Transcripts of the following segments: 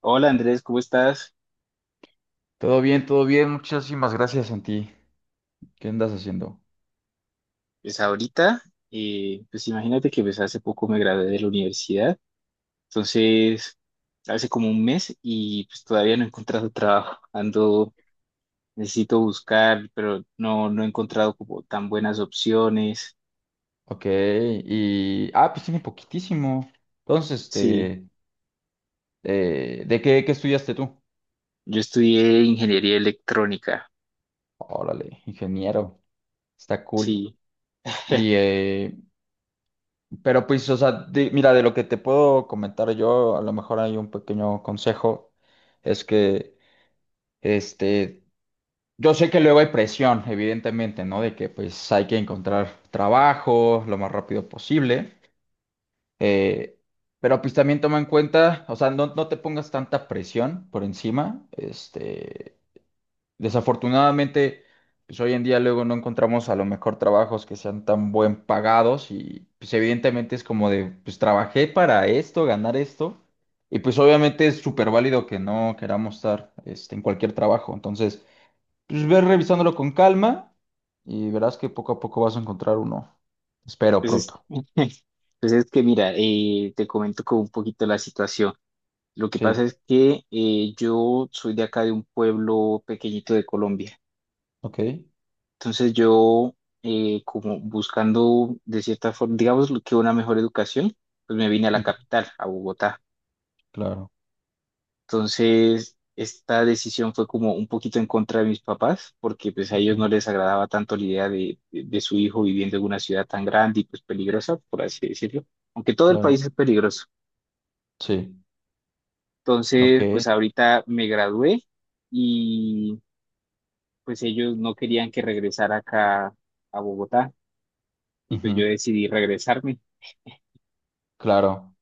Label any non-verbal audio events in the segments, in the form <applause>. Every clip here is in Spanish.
Hola Andrés, ¿cómo estás? Todo bien, todo bien. Muchísimas gracias, Santi. ¿Qué andas haciendo? Pues ahorita, pues imagínate que pues hace poco me gradué de la universidad, entonces hace como un mes y pues todavía no he encontrado <laughs> trabajo, ando, necesito buscar, pero no he encontrado como tan buenas opciones. Ok, y... Ah, pues tiene poquitísimo. Entonces, Sí, este... ¿De qué estudiaste tú? yo estudié ingeniería electrónica. Órale, ingeniero. Está cool. Sí, Y, pero pues, o sea, mira, de lo que te puedo comentar yo, a lo mejor hay un pequeño consejo, es que, este, yo sé que luego hay presión, evidentemente, ¿no? De que pues hay que encontrar trabajo lo más rápido posible. Eh, pero pues también toma en cuenta, o sea, no, no te pongas tanta presión por encima. Este, desafortunadamente, pues hoy en día luego no encontramos a lo mejor trabajos que sean tan buen pagados y pues evidentemente es como de, pues trabajé para esto, ganar esto. Y pues obviamente es súper válido que no queramos estar este, en cualquier trabajo. Entonces, pues ve revisándolo con calma y verás que poco a poco vas a encontrar uno. Espero pues es, pronto. <laughs> pues es que mira, te comento como un poquito la situación. Lo que pasa Sí, es que yo soy de acá de un pueblo pequeñito de Colombia. ok. Entonces como buscando de cierta forma, digamos lo que una mejor educación, pues me vine a la Ujú. capital, a Bogotá. Claro. Entonces esta decisión fue como un poquito en contra de mis papás, porque pues a ellos no Ujú. les agradaba tanto la idea de su hijo viviendo en una ciudad tan grande y pues peligrosa, por así decirlo, aunque todo el Claro, país es peligroso. sí, ok, Entonces pues ahorita me gradué y pues ellos no querían que regresara acá a Bogotá, y ujú, pues yo decidí regresarme. claro.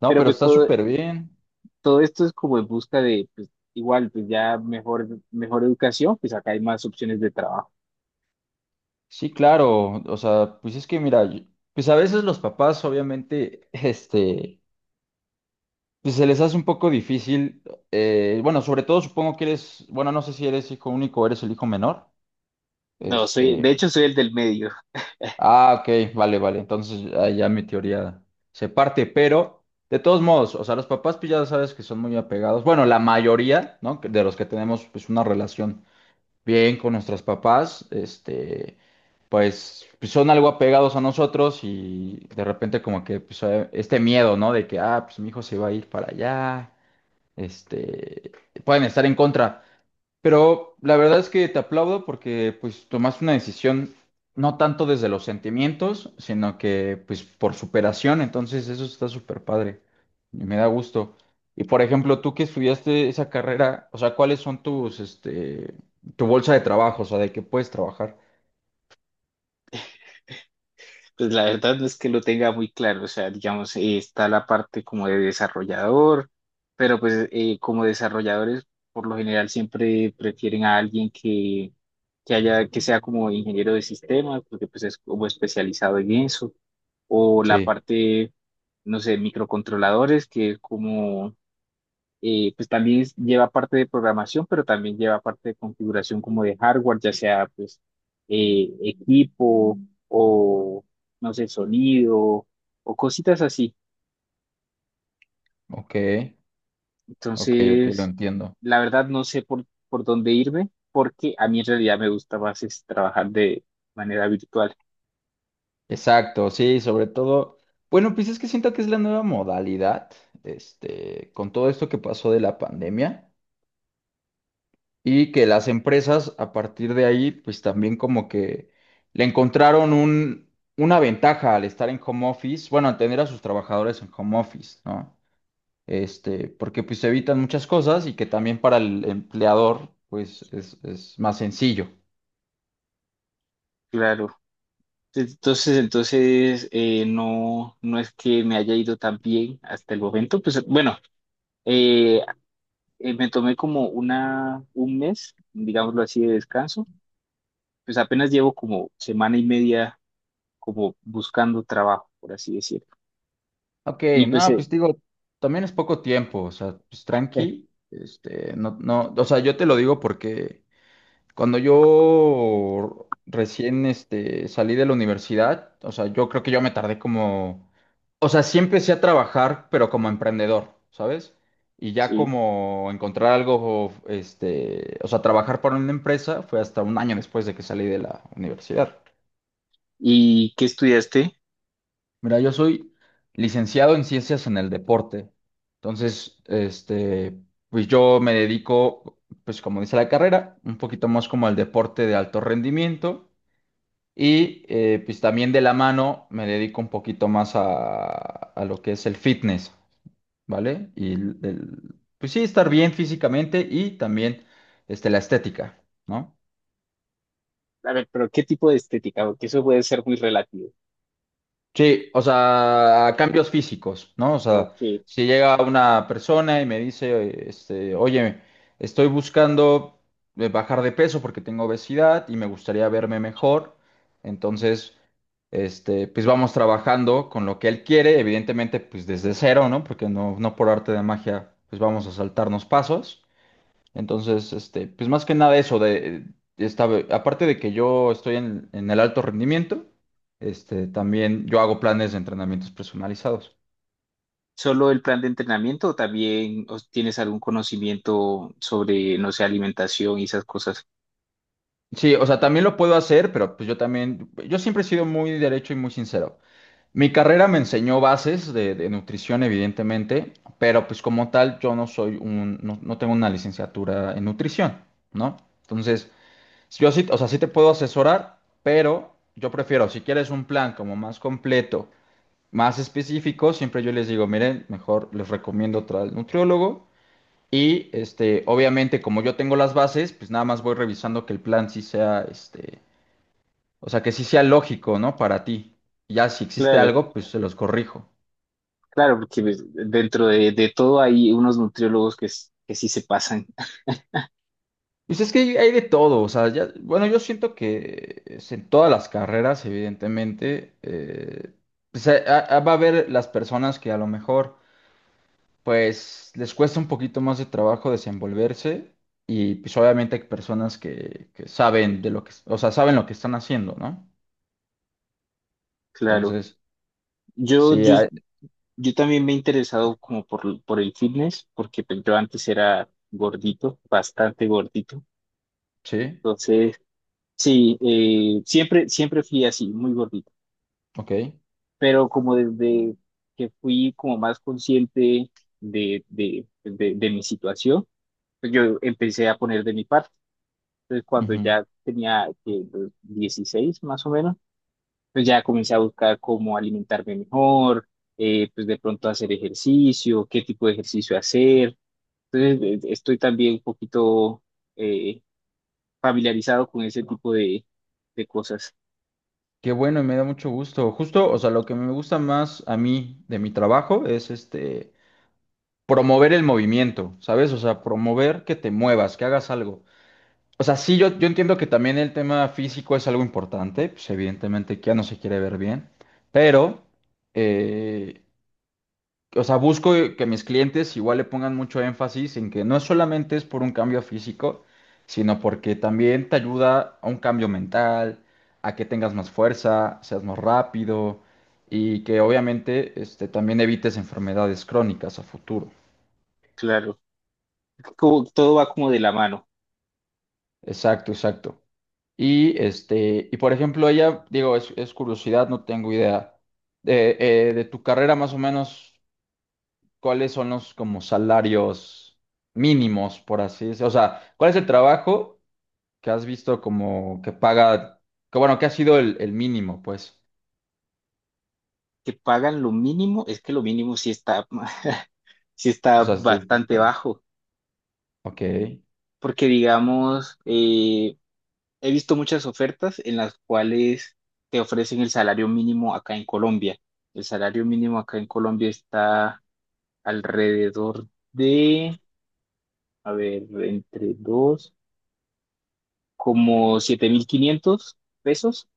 No, Pero pero pues está súper bien. todo esto es como en busca de, pues, igual, pues ya mejor educación, pues acá hay más opciones de trabajo. Sí, claro, o sea, pues es que mira, pues a veces los papás obviamente, <laughs> este, pues se les hace un poco difícil, bueno, sobre todo supongo que eres, bueno, no sé si eres hijo único o eres el hijo menor, No, soy, de este, hecho soy el del medio. <laughs> ah, ok, vale, vale, entonces ahí ya mi teoría se parte, pero de todos modos, o sea, los papás pues ya sabes que son muy apegados, bueno, la mayoría, ¿no? De los que tenemos pues una relación bien con nuestros papás, este, pues, son algo apegados a nosotros y de repente como que pues, este miedo, ¿no? De que, ah, pues mi hijo se va a ir para allá, este, pueden estar en contra. Pero la verdad es que te aplaudo porque pues tomaste una decisión no tanto desde los sentimientos, sino que pues por superación, entonces eso está súper padre y me da gusto. Y por ejemplo, tú que estudiaste esa carrera, o sea, ¿cuáles son tus, este, tu bolsa de trabajo, o sea, de qué puedes trabajar? Pues la verdad no es que lo tenga muy claro, o sea, digamos, está la parte como de desarrollador, pero pues como desarrolladores por lo general siempre prefieren a alguien que haya, que sea como ingeniero de sistemas, porque pues es como especializado en eso, o la Sí, parte, no sé, microcontroladores, que es como pues lleva parte de programación, pero también lleva parte de configuración como de hardware, ya sea pues equipo o, no sé, sonido o cositas así. ok, ok, ok, lo Entonces, entiendo. la verdad no sé por dónde irme, porque a mí en realidad me gusta más es trabajar de manera virtual. Exacto, sí, sobre todo, bueno, pues es que siento que es la nueva modalidad, este, con todo esto que pasó de la pandemia. Y que las empresas a partir de ahí, pues también como que le encontraron una ventaja al estar en home office, bueno, al tener a sus trabajadores en home office, ¿no? Este, porque pues se evitan muchas cosas y que también para el empleador, pues es más sencillo. Claro. Entonces, no es que me haya ido tan bien hasta el momento. Pues bueno, eh, me tomé como un mes, digámoslo así, de descanso. Pues apenas llevo como semana y media como buscando trabajo, por así decirlo. Ok, Y pues, no, pues digo, también es poco tiempo, o sea, pues eh, tranqui, este, no, no, o sea, yo te lo digo porque... Cuando yo recién este, salí de la universidad, o sea, yo creo que yo me tardé como, o sea, sí empecé a trabajar, pero como emprendedor, ¿sabes? Y ya sí. como encontrar algo, este, o sea, trabajar para una empresa fue hasta un año después de que salí de la universidad. ¿Y qué estudiaste? Mira, yo soy licenciado en ciencias en el deporte. Entonces, este, pues yo me dedico, pues como dice la carrera, un poquito más como al deporte de alto rendimiento. Y pues también de la mano me dedico un poquito más a, lo que es el fitness, ¿vale? Y pues sí, estar bien físicamente y también este, la estética, ¿no? A ver, pero ¿qué tipo de estética? Porque eso puede ser muy relativo. Sí, o sea, a cambios físicos, ¿no? O ¿O sea, qué? si llega una persona y me dice, este, oye, estoy buscando bajar de peso porque tengo obesidad y me gustaría verme mejor, entonces, este, pues vamos trabajando con lo que él quiere, evidentemente, pues desde cero, ¿no? Porque no, no por arte de magia, pues vamos a saltarnos pasos. Entonces, este, pues más que nada eso de aparte de que yo estoy en, el alto rendimiento, este, también yo hago planes de entrenamientos personalizados. ¿Solo el plan de entrenamiento o también tienes algún conocimiento sobre, no sé, alimentación y esas cosas? Sí, o sea, también lo puedo hacer, pero pues yo también, yo siempre he sido muy derecho y muy sincero. Mi carrera me enseñó bases de, nutrición, evidentemente, pero pues como tal yo no soy no tengo una licenciatura en nutrición, ¿no? Entonces, yo sí, o sea, sí te puedo asesorar, pero yo prefiero, si quieres un plan como más completo, más específicos, siempre yo les digo, miren, mejor les recomiendo otra al nutriólogo. Y este, obviamente, como yo tengo las bases, pues nada más voy revisando que el plan sí sea, este, o sea, que sí sea lógico, ¿no? Para ti. Ya si existe Claro, algo, pues se los corrijo. claro, porque pues, dentro de todo hay unos nutriólogos que sí se pasan. Pues es que hay de todo, o sea, ya, bueno, yo siento que es en todas las carreras, evidentemente, pues, va a haber las personas que a lo mejor pues les cuesta un poquito más de trabajo desenvolverse, y pues obviamente hay personas que saben de lo que, o sea, saben lo que están haciendo, ¿no? Claro. Entonces, yo, sí, yo, Yo también me he interesado como por el fitness, porque pues, yo antes era gordito, bastante gordito. sí, Entonces, sí, siempre fui así, muy gordito. ok. Pero como desde que fui como más consciente pues, de mi situación, pues, yo empecé a poner de mi parte. Entonces, cuando Ujú. ya tenía los 16 más o menos, pues ya comencé a buscar cómo alimentarme mejor, pues de pronto hacer ejercicio, qué tipo de ejercicio hacer. Entonces, estoy también un poquito eh, familiarizado con ese tipo de cosas. Qué bueno y me da mucho gusto. Justo, o sea, lo que me gusta más a mí de mi trabajo es este, promover el movimiento, ¿sabes? O sea, promover que te muevas, que hagas algo. O sea, sí, yo entiendo que también el tema físico es algo importante, pues evidentemente que ya no se quiere ver bien, pero... eh, o sea, busco que mis clientes igual le pongan mucho énfasis en que no solamente es por un cambio físico, sino porque también te ayuda a un cambio mental, a que tengas más fuerza, seas más rápido y que obviamente este, también evites enfermedades crónicas a futuro. Claro, como, todo va como de la mano. Exacto, exacto. Y este, por ejemplo, ella, digo, es curiosidad, no tengo idea. De tu carrera más o menos, cuáles son los como salarios mínimos, por así decirlo. O sea, ¿cuál es el trabajo que has visto como que paga, que bueno, que ha sido el mínimo, pues? Que pagan lo mínimo, es que lo mínimo sí está, <laughs> sí O está sea, bastante bajo, ok. porque digamos, he visto muchas ofertas en las cuales te ofrecen el salario mínimo acá en Colombia. El salario mínimo acá en Colombia está alrededor de, a ver, entre dos. Como 7.500 pesos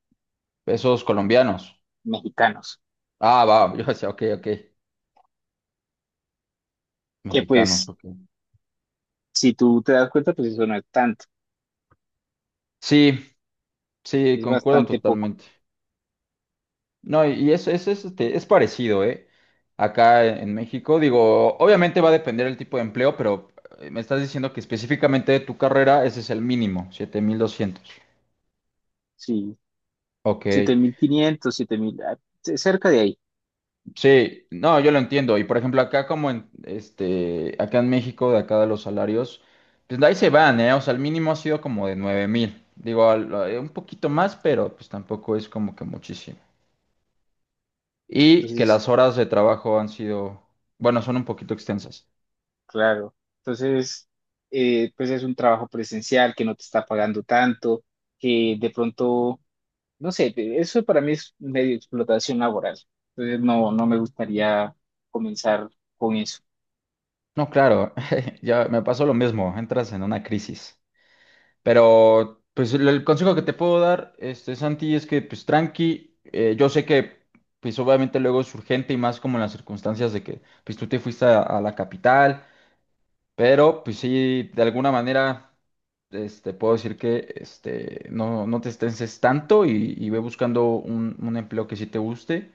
Pesos colombianos. mexicanos, Ah, va, <laughs> yo decía, ok, ok. que Mexicanos, pues ok. si tú te das cuenta, pues eso no es tanto, Sí, sí, es concuerdo bastante poco. totalmente. No, y eso, eso es, este, es parecido, ¿eh? Acá en México, digo, obviamente va a depender el tipo de empleo, pero me estás diciendo que específicamente de tu carrera ese es el mínimo, 7,200. Sí, Ok, 7.500, 7.000, ah, cerca de ahí, sí, no, yo lo entiendo. Y por ejemplo, acá como acá en México, de acá de los salarios, pues ahí se van, ¿eh? O sea, el mínimo ha sido como de 9,000. Digo, un poquito más, pero pues tampoco es como que muchísimo. Y que entonces, las horas de trabajo han sido, bueno, son un poquito extensas. claro. Entonces, pues es un trabajo presencial que no te está pagando tanto, que de pronto, no sé, eso para mí es medio explotación laboral, entonces no me gustaría comenzar con eso. No, claro, <laughs> ya me pasó lo mismo, entras en una crisis. Pero, pues, el consejo que te puedo dar, este, Santi, es que, pues, tranqui, yo sé que, pues, obviamente luego es urgente y más como en las circunstancias de que, pues, tú te fuiste a, la capital, pero, pues, sí, de alguna manera, este, puedo decir que, este, no, no te estreses tanto y ve buscando un empleo que sí te guste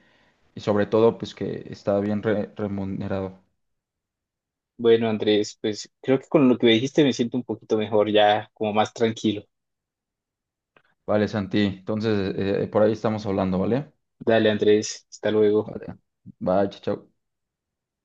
y sobre todo, pues, que está bien remunerado. Bueno, Andrés, pues creo que con lo que me dijiste me siento un poquito mejor, ya como más tranquilo. Vale, Santi. Entonces, por ahí estamos hablando, ¿vale? Dale, Andrés, hasta luego. Vale. Bye, chao. Chao.